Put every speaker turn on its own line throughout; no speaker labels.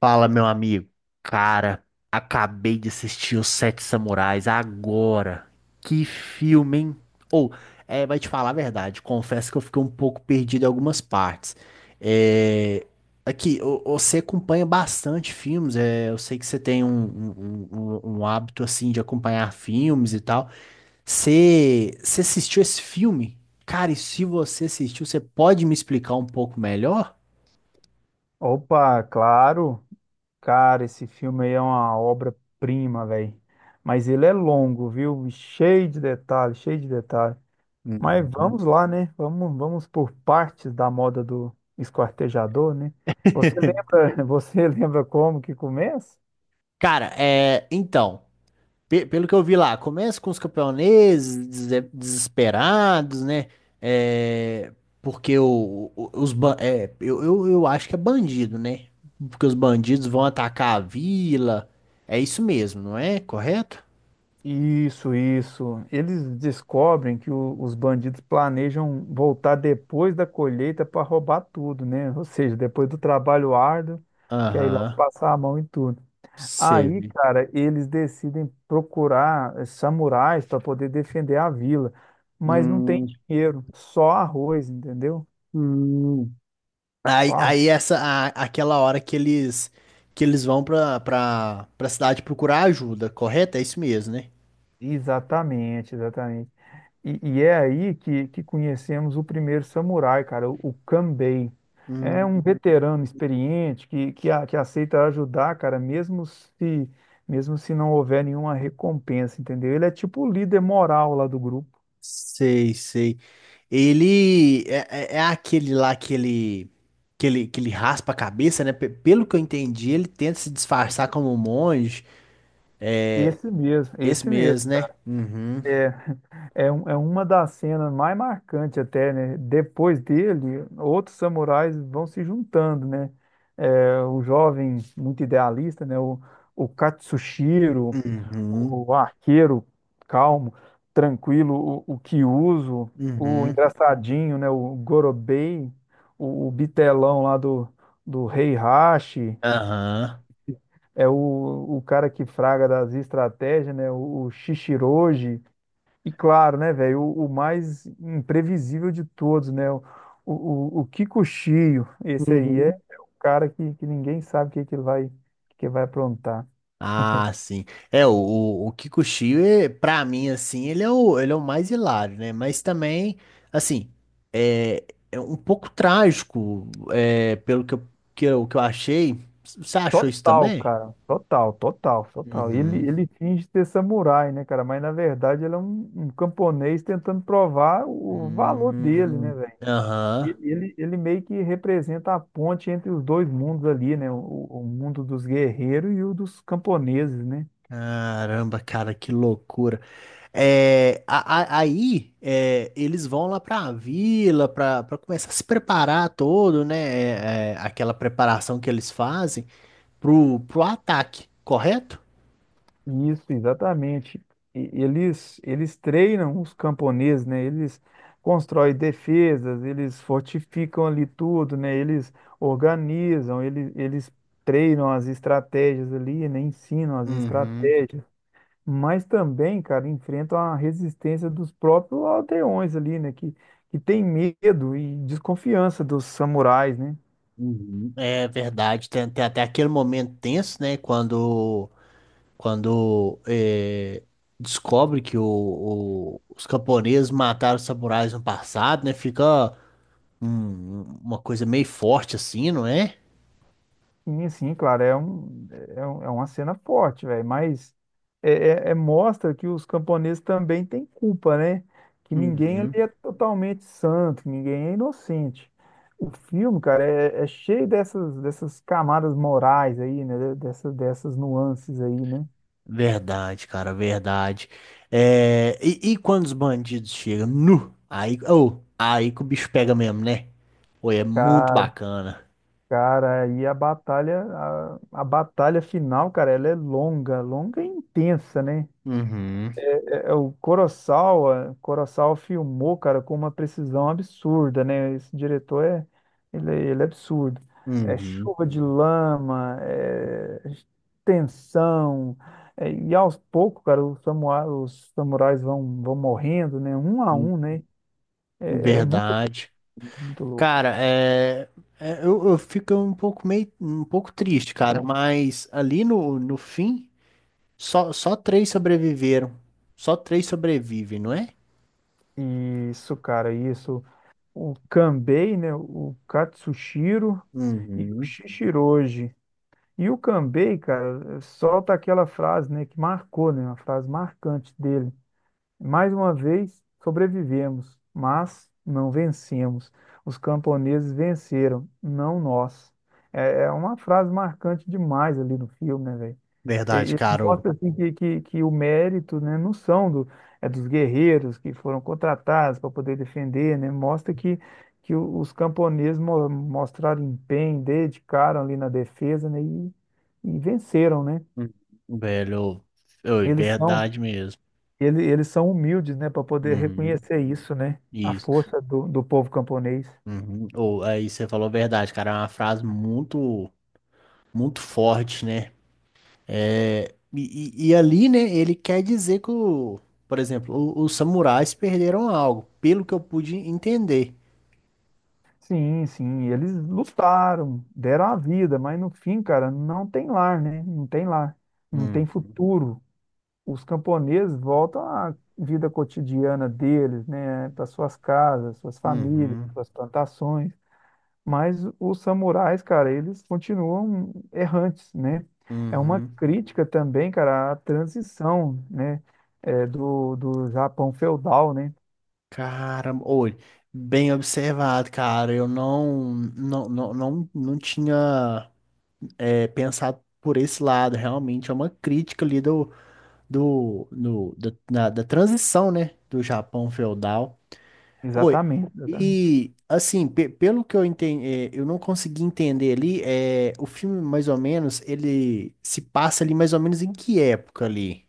Fala, meu amigo. Cara, acabei de assistir Os Sete Samurais agora. Que filme, hein? Ou, vai te falar a verdade, confesso que eu fiquei um pouco perdido em algumas partes. É, aqui, você acompanha bastante filmes, eu sei que você tem um hábito, assim, de acompanhar filmes e tal. Você assistiu esse filme? Cara, e se você assistiu, você pode me explicar um pouco melhor?
Opa, claro. Cara, esse filme aí é uma obra-prima, velho. Mas ele é longo, viu? Cheio de detalhes, cheio de detalhes. Mas
Uhum.
vamos lá, né? Vamos por partes da moda do esquartejador, né? Você lembra, você lembra como que começa?
Cara, então, pelo que eu vi lá, começa com os campeoneses desesperados, né? É, porque os, eu acho que é bandido, né? Porque os bandidos vão atacar a vila. É isso mesmo, não é? Correto?
Isso, isso. Eles descobrem que os bandidos planejam voltar depois da colheita para roubar tudo, né? Ou seja, depois do trabalho árduo, quer ir lá e
Aham,
passar a mão em tudo.
você
Aí,
vê.
cara, eles decidem procurar samurais para poder defender a vila, mas não tem
Hum,
dinheiro, só arroz, entendeu?
hum.
Só
Aí
arroz.
aquela hora que eles vão pra cidade procurar ajuda, correto? É isso mesmo, né?
Exatamente, exatamente. E é aí que conhecemos o primeiro samurai, cara, o Kanbei. É um veterano experiente que aceita ajudar, cara, mesmo se não houver nenhuma recompensa, entendeu? Ele é tipo o líder moral lá do grupo.
Sei, sei. Ele é, é aquele lá que ele raspa a cabeça, né? Pelo que eu entendi, ele tenta se disfarçar como um monge. É
Esse mesmo,
esse
esse mesmo.
mesmo, né? Uhum,
É, é uma das cenas mais marcantes até, né? Depois dele, outros samurais vão se juntando, né? É, o jovem muito idealista, né? O Katsushiro,
uhum,
o arqueiro calmo, tranquilo, o Kyuzo, o
uhum,
engraçadinho, né? O Gorobei, o bitelão lá do Rei Hashi,
aham.
é o cara que fraga das estratégias, né? O Shishiroji. E claro, né, velho, o mais imprevisível de todos, né? O Kiko Shio, esse aí é,
Uhum.
é o cara que ninguém sabe o que, que vai aprontar.
Ah, sim. O Kikuchiyo, pra mim, assim, ele é o mais hilário, né? Mas também, assim, é, é um pouco trágico, pelo que eu achei. Você achou isso
Total,
também?
cara. Total, total, total. Ele,
Uhum.
ele finge ter samurai, né, cara? Mas na verdade ele é um camponês tentando provar o valor dele, né,
Hum,
velho? Ele,
aham.
ele ele meio que representa a ponte entre os dois mundos ali, né? O mundo dos guerreiros e o dos camponeses, né?
Caramba, cara, que loucura. Aí eles vão lá pra vila pra começar a se preparar todo, né? Aquela preparação que eles fazem. Pro ataque, correto?
Isso, exatamente. Eles treinam os camponeses, né? Eles constroem defesas, eles fortificam ali tudo, né? Eles organizam, eles treinam as estratégias ali, né? Ensinam as
Uhum.
estratégias. Mas também, cara, enfrentam a resistência dos próprios aldeões ali, né? Que tem medo e desconfiança dos samurais, né?
Uhum. É verdade, tem até aquele momento tenso, né? Quando descobre que os camponeses mataram os samurais no passado, né? Fica uma coisa meio forte assim, não é?
Sim, sim, claro, é uma cena forte, velho, mas é, mostra que os camponeses também têm culpa, né? Que ninguém ali
Uhum.
é totalmente santo, ninguém é inocente. O filme, cara, é cheio dessas camadas morais aí, né? Dessas nuances aí, né?
Verdade, cara, verdade. E quando os bandidos chegam, aí, oh, aí que o bicho pega mesmo, né? Pô, é muito
Cara,
bacana.
cara, aí a batalha, a batalha final, cara, ela é longa, longa e intensa, né?
Uhum.
O Kurosawa filmou, cara, com uma precisão absurda, né? Esse diretor ele é absurdo. É
Uhum,
chuva de lama, é tensão, e aos poucos, cara, os samurais vão morrendo, né? Um a
hum,
um, né? É muito louco,
verdade.
muito louco.
Cara, eu fico um pouco meio, um pouco triste, cara, mas ali no fim, só três sobreviveram. Só três sobrevivem, não é?
E isso, cara, isso. O Kanbei, né? O Katsushiro e o
Uhum.
Shishiroji. E o Cambay, cara, solta aquela frase, né, que marcou, né, uma frase marcante dele. Mais uma vez, sobrevivemos, mas não vencemos. Os camponeses venceram, não nós. É, é uma frase marcante demais ali no filme, né, velho?
Verdade,
E
cara. Ô.
mostra assim que, que o mérito, né, não são do, é dos guerreiros que foram contratados para poder defender, né? Mostra que os camponeses mostraram empenho, dedicaram ali na defesa, né, e venceram, né?
Uhum, velho, ô, é
Eles são,
verdade mesmo.
eles são humildes, né, para poder
Uhum,
reconhecer isso, né? A
isso.
força do povo camponês.
Uhum. Ou aí você falou verdade, cara. É uma frase muito, muito forte, né? E ali, né, ele quer dizer que, por exemplo, os samurais perderam algo, pelo que eu pude entender.
Sim, sim, eles lutaram, deram a vida, mas no fim, cara, não tem lar, né? Não tem lar, não tem
Uhum,
futuro. Os camponeses voltam à vida cotidiana deles, né, para suas casas, suas famílias,
uhum,
suas plantações, mas os samurais, cara, eles continuam errantes, né? É uma
uhum.
crítica também, cara, à transição, né, do Japão feudal, né?
Caramba, olha, bem observado, cara. Eu não tinha pensado por esse lado. Realmente é uma crítica ali da transição, né, do Japão feudal. Foi.
Exatamente, exatamente.
E, assim, pelo que eu entendi, eu não consegui entender ali, o filme, mais ou menos, ele se passa ali mais ou menos em que época ali?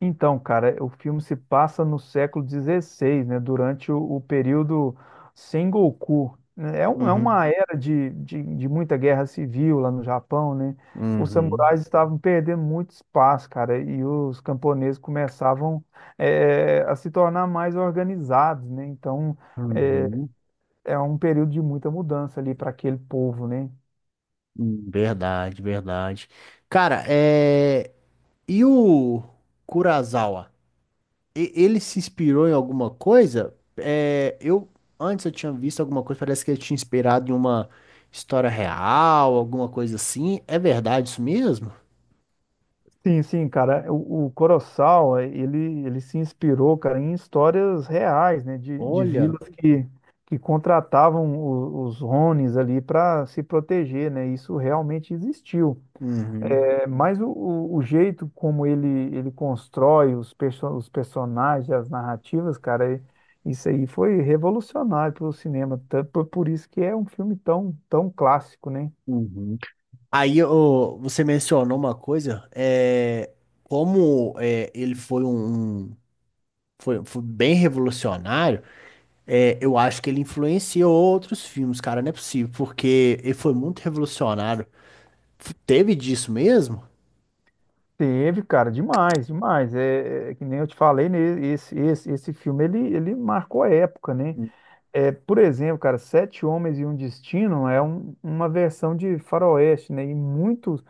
Então, cara, o filme se passa no século XVI, né, durante o período Sengoku, né? É
Uhum.
uma era de muita guerra civil lá no Japão, né? Os
Uhum.
samurais estavam perdendo muito espaço, cara, e os camponeses começavam a se tornar mais organizados, né? Então, eh,
Uhum.
é um período de muita mudança ali para aquele povo, né?
Verdade, verdade. Cara, e o Kurosawa? Ele se inspirou em alguma coisa? É, eu antes eu tinha visto alguma coisa, parece que ele tinha inspirado em uma história real, alguma coisa assim. É verdade isso mesmo?
Sim, sim, cara. O Kurosawa, ele se inspirou, cara, em histórias reais, né? De
Olha.
vilas que contratavam os Ronis ali para se proteger, né? Isso realmente existiu.
Uhum,
É, mas o jeito como ele constrói os personagens, as narrativas, cara, isso aí foi revolucionário pelo cinema. Por isso que é um filme tão, tão clássico, né?
uhum. Aí ô, você mencionou uma coisa, como é, ele foi foi bem revolucionário, eu acho que ele influenciou outros filmes, cara, não é possível, porque ele foi muito revolucionário. Teve disso mesmo?
Teve, cara, demais, demais. É que nem eu te falei, né? Esse filme ele marcou a época, né? É, por exemplo, cara, Sete Homens e um Destino é uma versão de Faroeste, né? E muitos,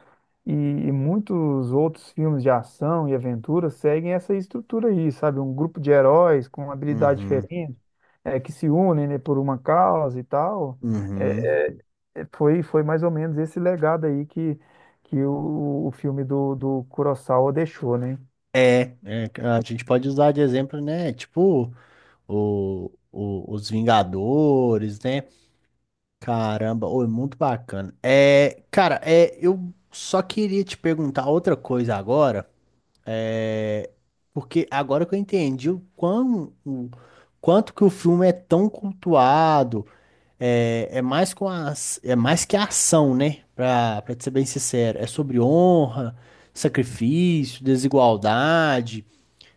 e, e muitos outros filmes de ação e aventura seguem essa estrutura aí, sabe? Um grupo de heróis com habilidades
Uhum,
diferentes, que se unem, né, por uma causa e tal. É,
uhum.
foi mais ou menos esse legado aí que o filme do Kurosawa deixou, né?
É, a gente pode usar de exemplo, né? Tipo, os Vingadores, né? Caramba, oi, muito bacana. Cara, eu só queria te perguntar outra coisa agora, é, porque agora que eu entendi o quanto que o filme é tão cultuado, é mais que a ação, né? Pra te ser bem sincero, é sobre honra, sacrifício, desigualdade,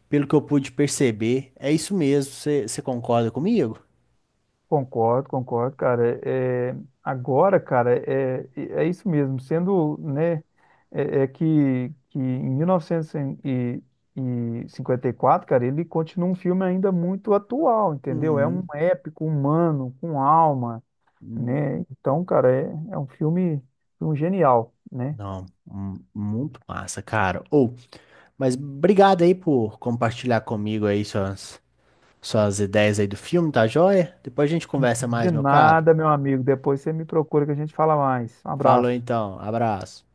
pelo que eu pude perceber. É isso mesmo, você concorda comigo?
Concordo, concordo, cara. É, agora, cara, é isso mesmo. Sendo, né, é que em 1954, cara, ele continua um filme ainda muito atual, entendeu? É um
Uhum.
épico humano, com alma, né? Então, cara, é um filme, um genial, né?
Não, muito massa, cara. Ou, mas obrigado aí por compartilhar comigo aí suas ideias aí do filme, tá joia? Depois a gente conversa
De
mais, meu caro.
nada, meu amigo. Depois você me procura que a gente fala mais. Um
Falou
abraço.
então, abraço.